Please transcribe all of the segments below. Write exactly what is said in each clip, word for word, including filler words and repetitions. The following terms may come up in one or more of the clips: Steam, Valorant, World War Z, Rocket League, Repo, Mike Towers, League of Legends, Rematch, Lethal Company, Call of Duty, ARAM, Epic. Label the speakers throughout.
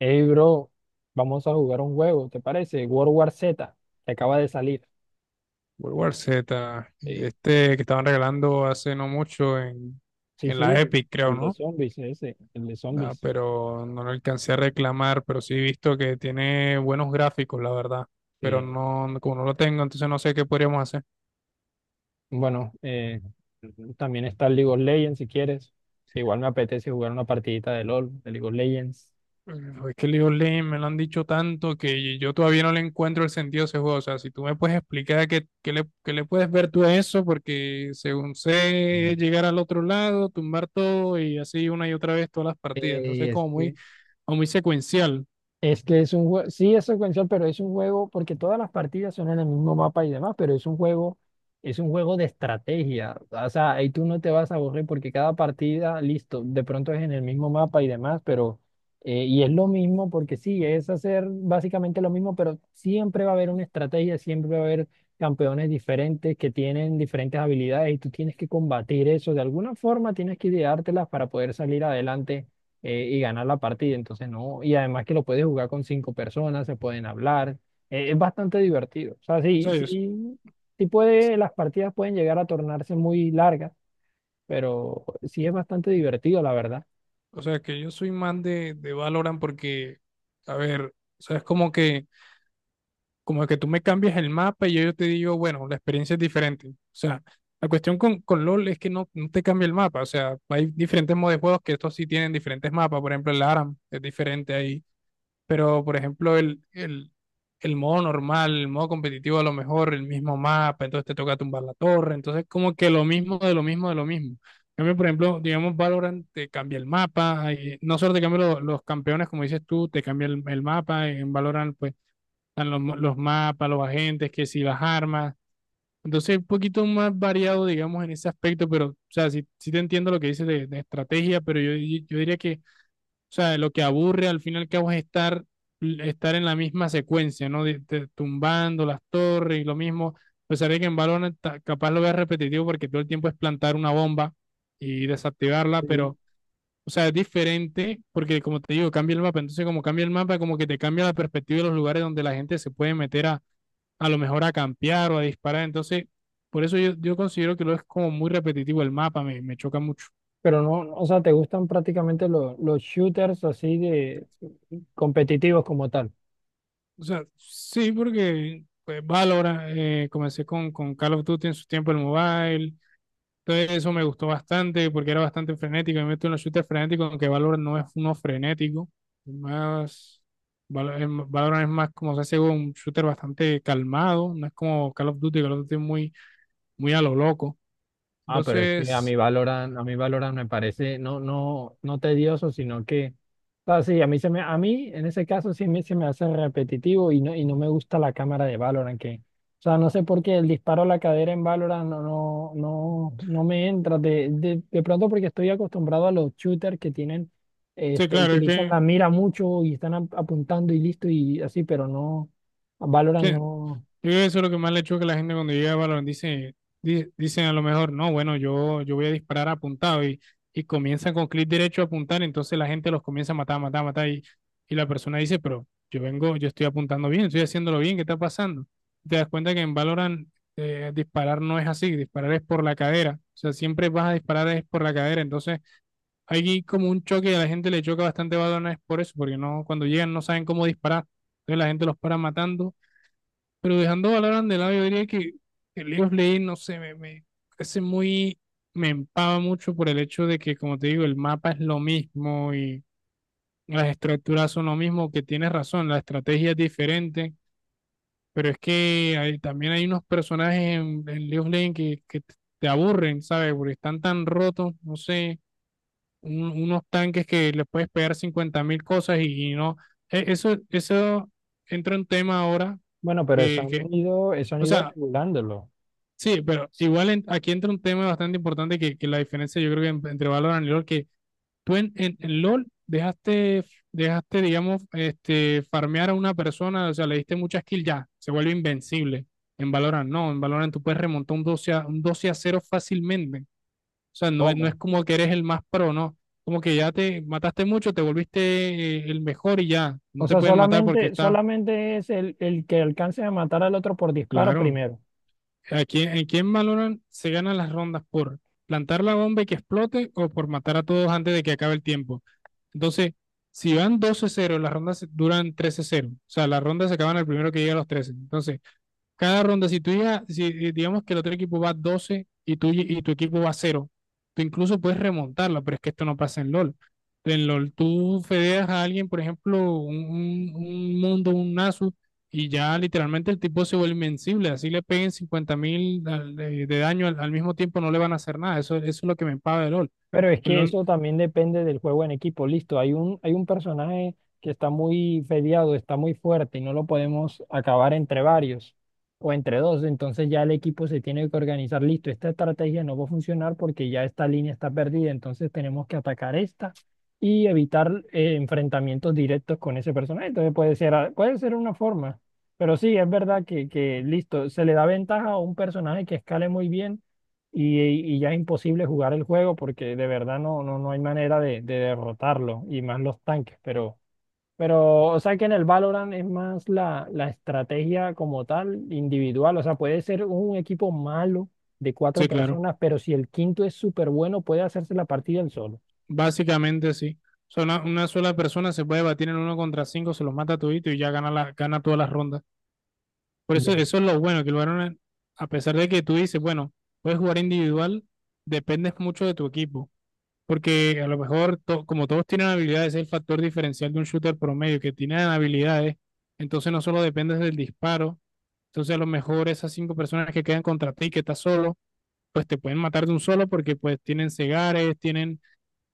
Speaker 1: Hey, bro, vamos a jugar un juego, ¿te parece? World War Z, que acaba de salir.
Speaker 2: World War Z,
Speaker 1: Sí,
Speaker 2: este que estaban regalando hace no mucho en,
Speaker 1: sí,
Speaker 2: en
Speaker 1: sí,
Speaker 2: la
Speaker 1: el,
Speaker 2: Epic, creo,
Speaker 1: el de
Speaker 2: ¿no?
Speaker 1: zombies, ese, el de
Speaker 2: Ah,
Speaker 1: zombies.
Speaker 2: pero no lo alcancé a reclamar, pero sí he visto que tiene buenos gráficos, la verdad. Pero
Speaker 1: Sí.
Speaker 2: no, no- como no lo tengo, entonces no sé qué podríamos hacer.
Speaker 1: Bueno, eh, también está el League of Legends, si quieres, que igual me apetece jugar una partidita de L O L, de League of Legends.
Speaker 2: Pero Es que League of Legends me lo han dicho tanto que yo todavía no le encuentro el sentido a ese juego. O sea, si tú me puedes explicar qué, qué le, qué le puedes ver tú a eso, porque según
Speaker 1: Mm.
Speaker 2: sé, es llegar al otro lado, tumbar todo y así una y otra vez todas las partidas.
Speaker 1: Eh, y
Speaker 2: Entonces,
Speaker 1: es
Speaker 2: como muy
Speaker 1: que
Speaker 2: o muy secuencial.
Speaker 1: Es que es un juego, sí es secuencial, pero es un juego, porque todas las partidas son en el mismo mapa y demás, pero es un juego, es un juego de estrategia. O sea, ahí tú no te vas a aburrir porque cada partida, listo, de pronto es en el mismo mapa y demás, pero, eh, y es lo mismo porque sí, es hacer básicamente lo mismo, pero siempre va a haber una estrategia, siempre va a haber campeones diferentes que tienen diferentes habilidades y tú tienes que combatir eso. De alguna forma tienes que ideártelas para poder salir adelante eh, y ganar la partida. Entonces, no. Y además que lo puedes jugar con cinco personas, se pueden hablar. Eh, es bastante divertido. O sea,
Speaker 2: O
Speaker 1: sí,
Speaker 2: sea, yo- s-
Speaker 1: sí, sí puede, las partidas pueden llegar a tornarse muy largas, pero sí es bastante divertido, la verdad.
Speaker 2: o sea que yo soy más de, de, Valorant porque, a ver, o sea, es como que, como que, tú me cambias el mapa y yo, yo te digo, bueno, la experiencia es diferente. O sea, la cuestión con, con LOL es que no, no te cambia el mapa. O sea, hay diferentes modos de juegos que estos sí tienen diferentes mapas. Por ejemplo, el A R A M es diferente ahí. Pero, por ejemplo, el, el, el modo normal, el modo competitivo, a lo mejor el mismo mapa, entonces te toca tumbar la torre, entonces como que lo mismo de lo mismo de lo mismo. En cambio, por ejemplo, digamos, Valorant te cambia el mapa, ahí no solo te cambia lo- los campeones, como dices tú, te cambia el, el, mapa, en Valorant pues están los, mo- los mapas, los agentes, que si las armas, entonces un poquito más variado, digamos, en ese aspecto, pero, o sea, sí, sí te entiendo lo que dices de, de, estrategia, pero yo, di- yo diría que o sea, lo que aburre al final que vas a estar, estar en la misma secuencia, ¿no? De- de- tumbando las torres y lo mismo. A pesar de que en Valorant ta- capaz lo veas repetitivo porque todo el tiempo es plantar una bomba y desactivarla, pero,
Speaker 1: Sí.
Speaker 2: o sea, es diferente porque, como te digo, cambia el mapa. Entonces, como cambia el mapa, como que te cambia la perspectiva de los lugares donde la gente se puede meter a, a lo mejor a campear o a disparar. Entonces, por eso yo, yo, considero que lo es como muy repetitivo el mapa, me, me choca mucho.
Speaker 1: Pero no, no, o sea, te gustan prácticamente lo- los shooters así de competitivos como tal.
Speaker 2: O sea, sí, porque pues, Valorant, eh, comencé con, con Call of Duty en su tiempo el mobile. Entonces eso me gustó bastante porque era bastante frenético. Me meto en los shooters frenéticos, aunque Valorant no es uno frenético. Es más, Val- es m- Valorant es más como se hace un shooter bastante calmado. No es como Call of Duty, Call of Duty es muy, muy a lo loco.
Speaker 1: Ah, pero es que a
Speaker 2: Entonces,
Speaker 1: mí Valorant, a mí Valorant me parece no, no, no tedioso, sino que, o sea, sí, a mí se me, a mí en ese caso sí me, se me hace repetitivo y no, y no me gusta la cámara de Valorant, que, o sea, no sé por qué el disparo a la cadera en Valorant no, no, no, no me entra, de, de, de pronto porque estoy acostumbrado a los shooters que tienen,
Speaker 2: sí,
Speaker 1: este,
Speaker 2: claro, es
Speaker 1: utilizan
Speaker 2: que
Speaker 1: la mira mucho y están ap- apuntando y listo y así, pero no, a
Speaker 2: sí,
Speaker 1: Valorant
Speaker 2: Yo
Speaker 1: no,
Speaker 2: creo que eso es lo que más le choca a la gente cuando llega a Valorant. Dice, di- dicen a lo mejor, no, bueno, yo, yo, voy a disparar apuntado y, y comienzan con clic derecho a apuntar, entonces la gente los comienza a matar, matar, matar y, y la persona dice, pero yo vengo, yo estoy apuntando bien, estoy haciéndolo bien, ¿qué está pasando? Te das cuenta que en Valorant eh, disparar no es así, disparar es por la cadera, o sea, siempre vas a disparar es por la cadera, entonces hay como un choque y a la gente le choca bastante Valorant es por eso, porque no, cuando llegan no saben cómo disparar, entonces la gente los para matando pero dejando Valorant de lado, yo diría que el League of Legends, no sé, me, me, parece muy, me empava mucho por el hecho de que, como te digo, el mapa es lo mismo y las estructuras son lo mismo, que tienes razón, la estrategia es diferente, pero es que hay- también hay unos personajes en, en, League of Legends que, que t- te aburren, ¿sabes? Porque están tan rotos, no sé, un- unos tanques que les puedes pegar cincuenta mil cosas y, y, no. e- Eso, eso entra en tema ahora
Speaker 1: bueno, pero eso
Speaker 2: que, que,
Speaker 1: han ido, eso han
Speaker 2: o
Speaker 1: ido
Speaker 2: sea,
Speaker 1: regulándolo.
Speaker 2: sí, pero igual en- aquí entra un tema bastante importante que, que la diferencia yo creo que en- entre Valorant y LoL, que tú en, en, en LoL dejaste, dejaste, digamos, este, farmear a una persona, o sea, le diste muchas kills ya, se vuelve invencible. En Valorant no, en Valorant tú puedes remontar un doce a, un doce a cero fácilmente. O sea, no es, no
Speaker 1: ¿Cómo?
Speaker 2: es como que eres el más pro, no. Como que ya te mataste mucho, te volviste eh, el mejor y ya, no
Speaker 1: O
Speaker 2: te
Speaker 1: sea,
Speaker 2: pueden matar porque
Speaker 1: solamente,
Speaker 2: está,
Speaker 1: solamente es el, el que alcance a matar al otro por disparo
Speaker 2: claro.
Speaker 1: primero.
Speaker 2: Aquí en quién valoran se ganan las rondas por plantar la bomba y que explote o por matar a todos antes de que acabe el tiempo. Entonces, si van doce cero, las rondas duran trece cero. O sea, las rondas se acaban al primero que llega a los trece. Entonces, cada ronda, si tú llegas, si eh, digamos que el otro equipo va doce y, tú, y tu equipo va cero tú incluso puedes remontarla, pero es que esto no pasa en LOL. En LOL, tú fedeas a alguien, por ejemplo, un, un- mundo, un Nasus, y ya literalmente el tipo se vuelve invencible. Así le peguen cincuenta mil de, de, daño al, al mismo tiempo, no le van a hacer nada. Eso, eso es lo que me paga de LOL.
Speaker 1: Pero es
Speaker 2: El
Speaker 1: que
Speaker 2: LOL,
Speaker 1: eso también depende del juego en equipo. Listo, hay un, hay un personaje que está muy peleado, está muy fuerte y no lo podemos acabar entre varios o entre dos. Entonces ya el equipo se tiene que organizar. Listo, esta estrategia no va a funcionar porque ya esta línea está perdida. Entonces tenemos que atacar esta y evitar eh, enfrentamientos directos con ese personaje. Entonces puede ser, a- puede ser una forma. Pero sí, es verdad que, que listo, se le da ventaja a un personaje que escale muy bien y, y ya es imposible jugar el juego porque de verdad no, no, no hay manera de, de derrotarlo y más los tanques, pero, pero o sea que en el Valorant es más la, la estrategia como tal, individual, o sea, puede ser un equipo malo de cuatro
Speaker 2: sí, claro,
Speaker 1: personas, pero si el quinto es súper bueno, puede hacerse la partida él solo.
Speaker 2: básicamente sí. O sea, una, una sola persona se puede batir en uno contra cinco, se los mata a todito y ya gana, la, gana todas las rondas. Por eso,
Speaker 1: Ve.
Speaker 2: eso es lo bueno, que el Barcelona, a pesar de que tú dices, bueno, puedes jugar individual, dependes mucho de tu equipo. Porque a lo mejor, to- como todos tienen habilidades, es el factor diferencial de un shooter promedio, que tienen habilidades, entonces no solo dependes del disparo, entonces a lo mejor esas cinco personas que quedan contra ti, que estás solo, pues te pueden matar de un solo porque pues tienen cegares, tienen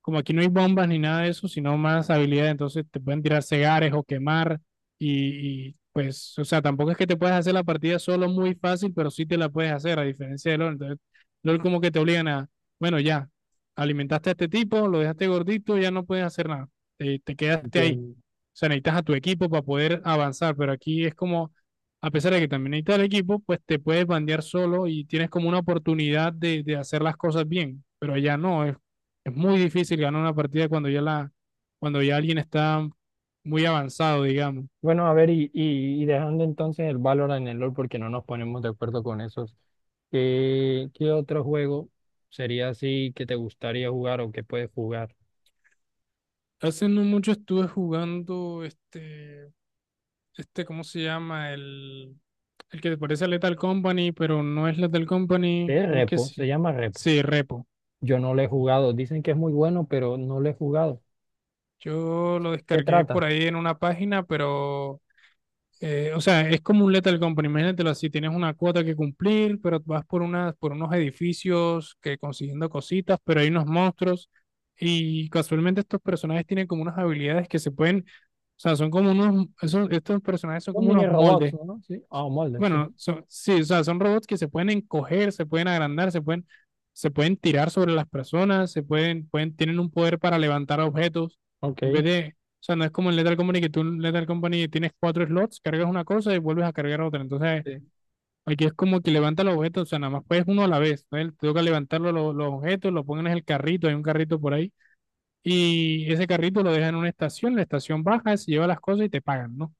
Speaker 2: como aquí no hay bombas ni nada de eso, sino más habilidades, entonces te pueden tirar cegares o quemar y, y, pues, o sea, tampoco es que te puedas hacer la partida solo muy fácil, pero sí te la puedes hacer, a diferencia de LOL. Entonces, LOL como que te obligan a, bueno, ya, alimentaste a este tipo, lo dejaste gordito, ya no puedes hacer nada, te, te, quedaste ahí.
Speaker 1: Entiendo.
Speaker 2: O sea, necesitas a tu equipo para poder avanzar, pero aquí es como, a pesar de que también necesitas el equipo, pues te puedes bandear solo y tienes como una oportunidad de, de hacer las cosas bien, pero allá no, es, es muy difícil ganar una partida cuando ya la, cuando ya alguien está muy avanzado, digamos.
Speaker 1: Bueno, a ver, y, y, y dejando entonces el Valorant en el LoL porque no nos ponemos de acuerdo con esos, ¿qué, qué otro juego sería así que te gustaría jugar o que puedes jugar?
Speaker 2: Hace no mucho estuve jugando este, este, ¿cómo se llama? El, el que te parece a Lethal Company, pero no es Lethal Company,
Speaker 1: Es
Speaker 2: ¿cómo es que
Speaker 1: Repo, se
Speaker 2: sí?
Speaker 1: llama Repo.
Speaker 2: Sí, Repo.
Speaker 1: Yo no lo he jugado, dicen que es muy bueno, pero no lo he jugado.
Speaker 2: Yo lo
Speaker 1: ¿Qué
Speaker 2: descargué por
Speaker 1: trata?
Speaker 2: ahí en una página, pero, eh, o sea, es como un Lethal Company, imagínatelo así, tienes una cuota que cumplir, pero vas por unas, por unos edificios que consiguiendo cositas, pero hay unos monstruos y casualmente estos personajes tienen como unas habilidades que se pueden, o sea, son como unos, esos- estos personajes son
Speaker 1: Son
Speaker 2: como
Speaker 1: mini
Speaker 2: unos
Speaker 1: robots,
Speaker 2: moldes
Speaker 1: ¿no? Sí, ah, moldes, sí.
Speaker 2: bueno, son, sí, o sea, son robots que se pueden encoger, se pueden agrandar, se pueden, se pueden tirar sobre las personas, se pueden, pueden, tienen un poder para levantar objetos. En vez
Speaker 1: Ok.
Speaker 2: de, o sea, no es como en Lethal Company que tú en Lethal Company tienes cuatro slots, cargas una cosa y vuelves a cargar otra. Entonces,
Speaker 1: Sí.
Speaker 2: aquí es como que levanta los objetos, o sea, nada más puedes uno a la vez. ¿No? Te toca levantar los, los, objetos, lo ponen en el carrito, hay un carrito por ahí, y ese carrito lo dejan en una estación, la estación baja, se lleva las cosas y te pagan, ¿no?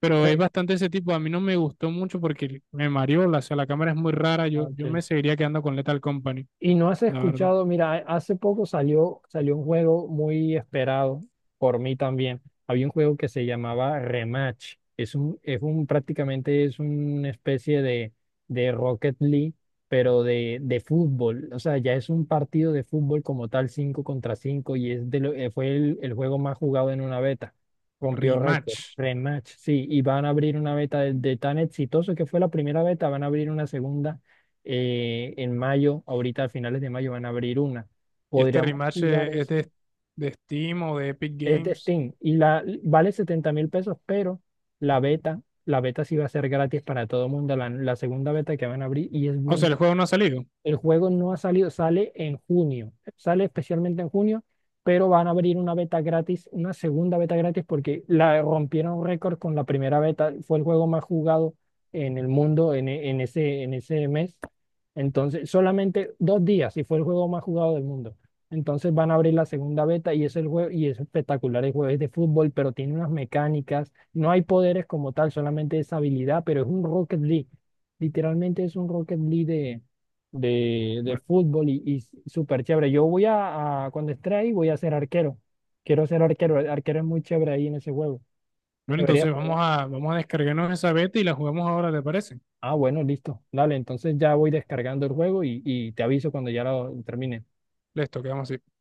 Speaker 2: Pero es
Speaker 1: Tre-
Speaker 2: bastante ese tipo. A mí no me gustó mucho porque me mareó. la- O sea, la cámara es muy rara. Yo,
Speaker 1: Ok.
Speaker 2: yo me seguiría quedando con Lethal Company,
Speaker 1: Y no has
Speaker 2: la verdad.
Speaker 1: escuchado, mira, hace poco salió, salió un juego muy esperado por mí también. Había un juego que se llamaba Rematch. Es un, es un, prácticamente es una especie de, de Rocket League, pero de, de fútbol. O sea, ya es un partido de fútbol como tal, cinco contra cinco y es de lo- eh, fue el, el juego más jugado en una beta. Rompió récord.
Speaker 2: Rematch.
Speaker 1: Rematch, sí. Y van a abrir una beta de, de tan exitoso que fue la primera beta, van a abrir una segunda eh, en mayo, ahorita a finales de mayo van a abrir una.
Speaker 2: Y este
Speaker 1: Podríamos
Speaker 2: rematch
Speaker 1: jugar
Speaker 2: es, es
Speaker 1: eso.
Speaker 2: de, de Steam o de Epic
Speaker 1: Es de
Speaker 2: Games.
Speaker 1: Steam y la vale setenta mil pesos, pero la beta, la beta sí va a ser gratis para todo el mundo, la, la segunda beta que van a abrir y es
Speaker 2: O
Speaker 1: buena.
Speaker 2: sea, el juego no ha salido.
Speaker 1: El juego no ha salido, sale en junio, sale especialmente en junio, pero van a abrir una beta gratis, una segunda beta gratis, porque la rompieron récord con la primera beta. Fue el juego más jugado en el mundo en, e- en ese, en ese mes. Entonces, solamente dos días y fue el juego más jugado del mundo. Entonces van a abrir la segunda beta y es el juego y es espectacular el juego, es de fútbol, pero tiene unas mecánicas, no hay poderes como tal, solamente es habilidad, pero es un Rocket League. Literalmente es un Rocket League de, de, de
Speaker 2: Bueno,
Speaker 1: fútbol y, y súper chévere. Yo voy a, a- cuando esté ahí, voy a ser arquero. Quiero ser arquero. El arquero es muy chévere ahí en ese juego.
Speaker 2: bueno,
Speaker 1: Deberías
Speaker 2: entonces vamos
Speaker 1: probar.
Speaker 2: a, vamos a descargarnos esa beta y la jugamos ahora, ¿te parece?
Speaker 1: Ah, bueno, listo. Dale, entonces ya voy descargando el juego y, y te aviso cuando ya lo termine.
Speaker 2: Listo, quedamos así.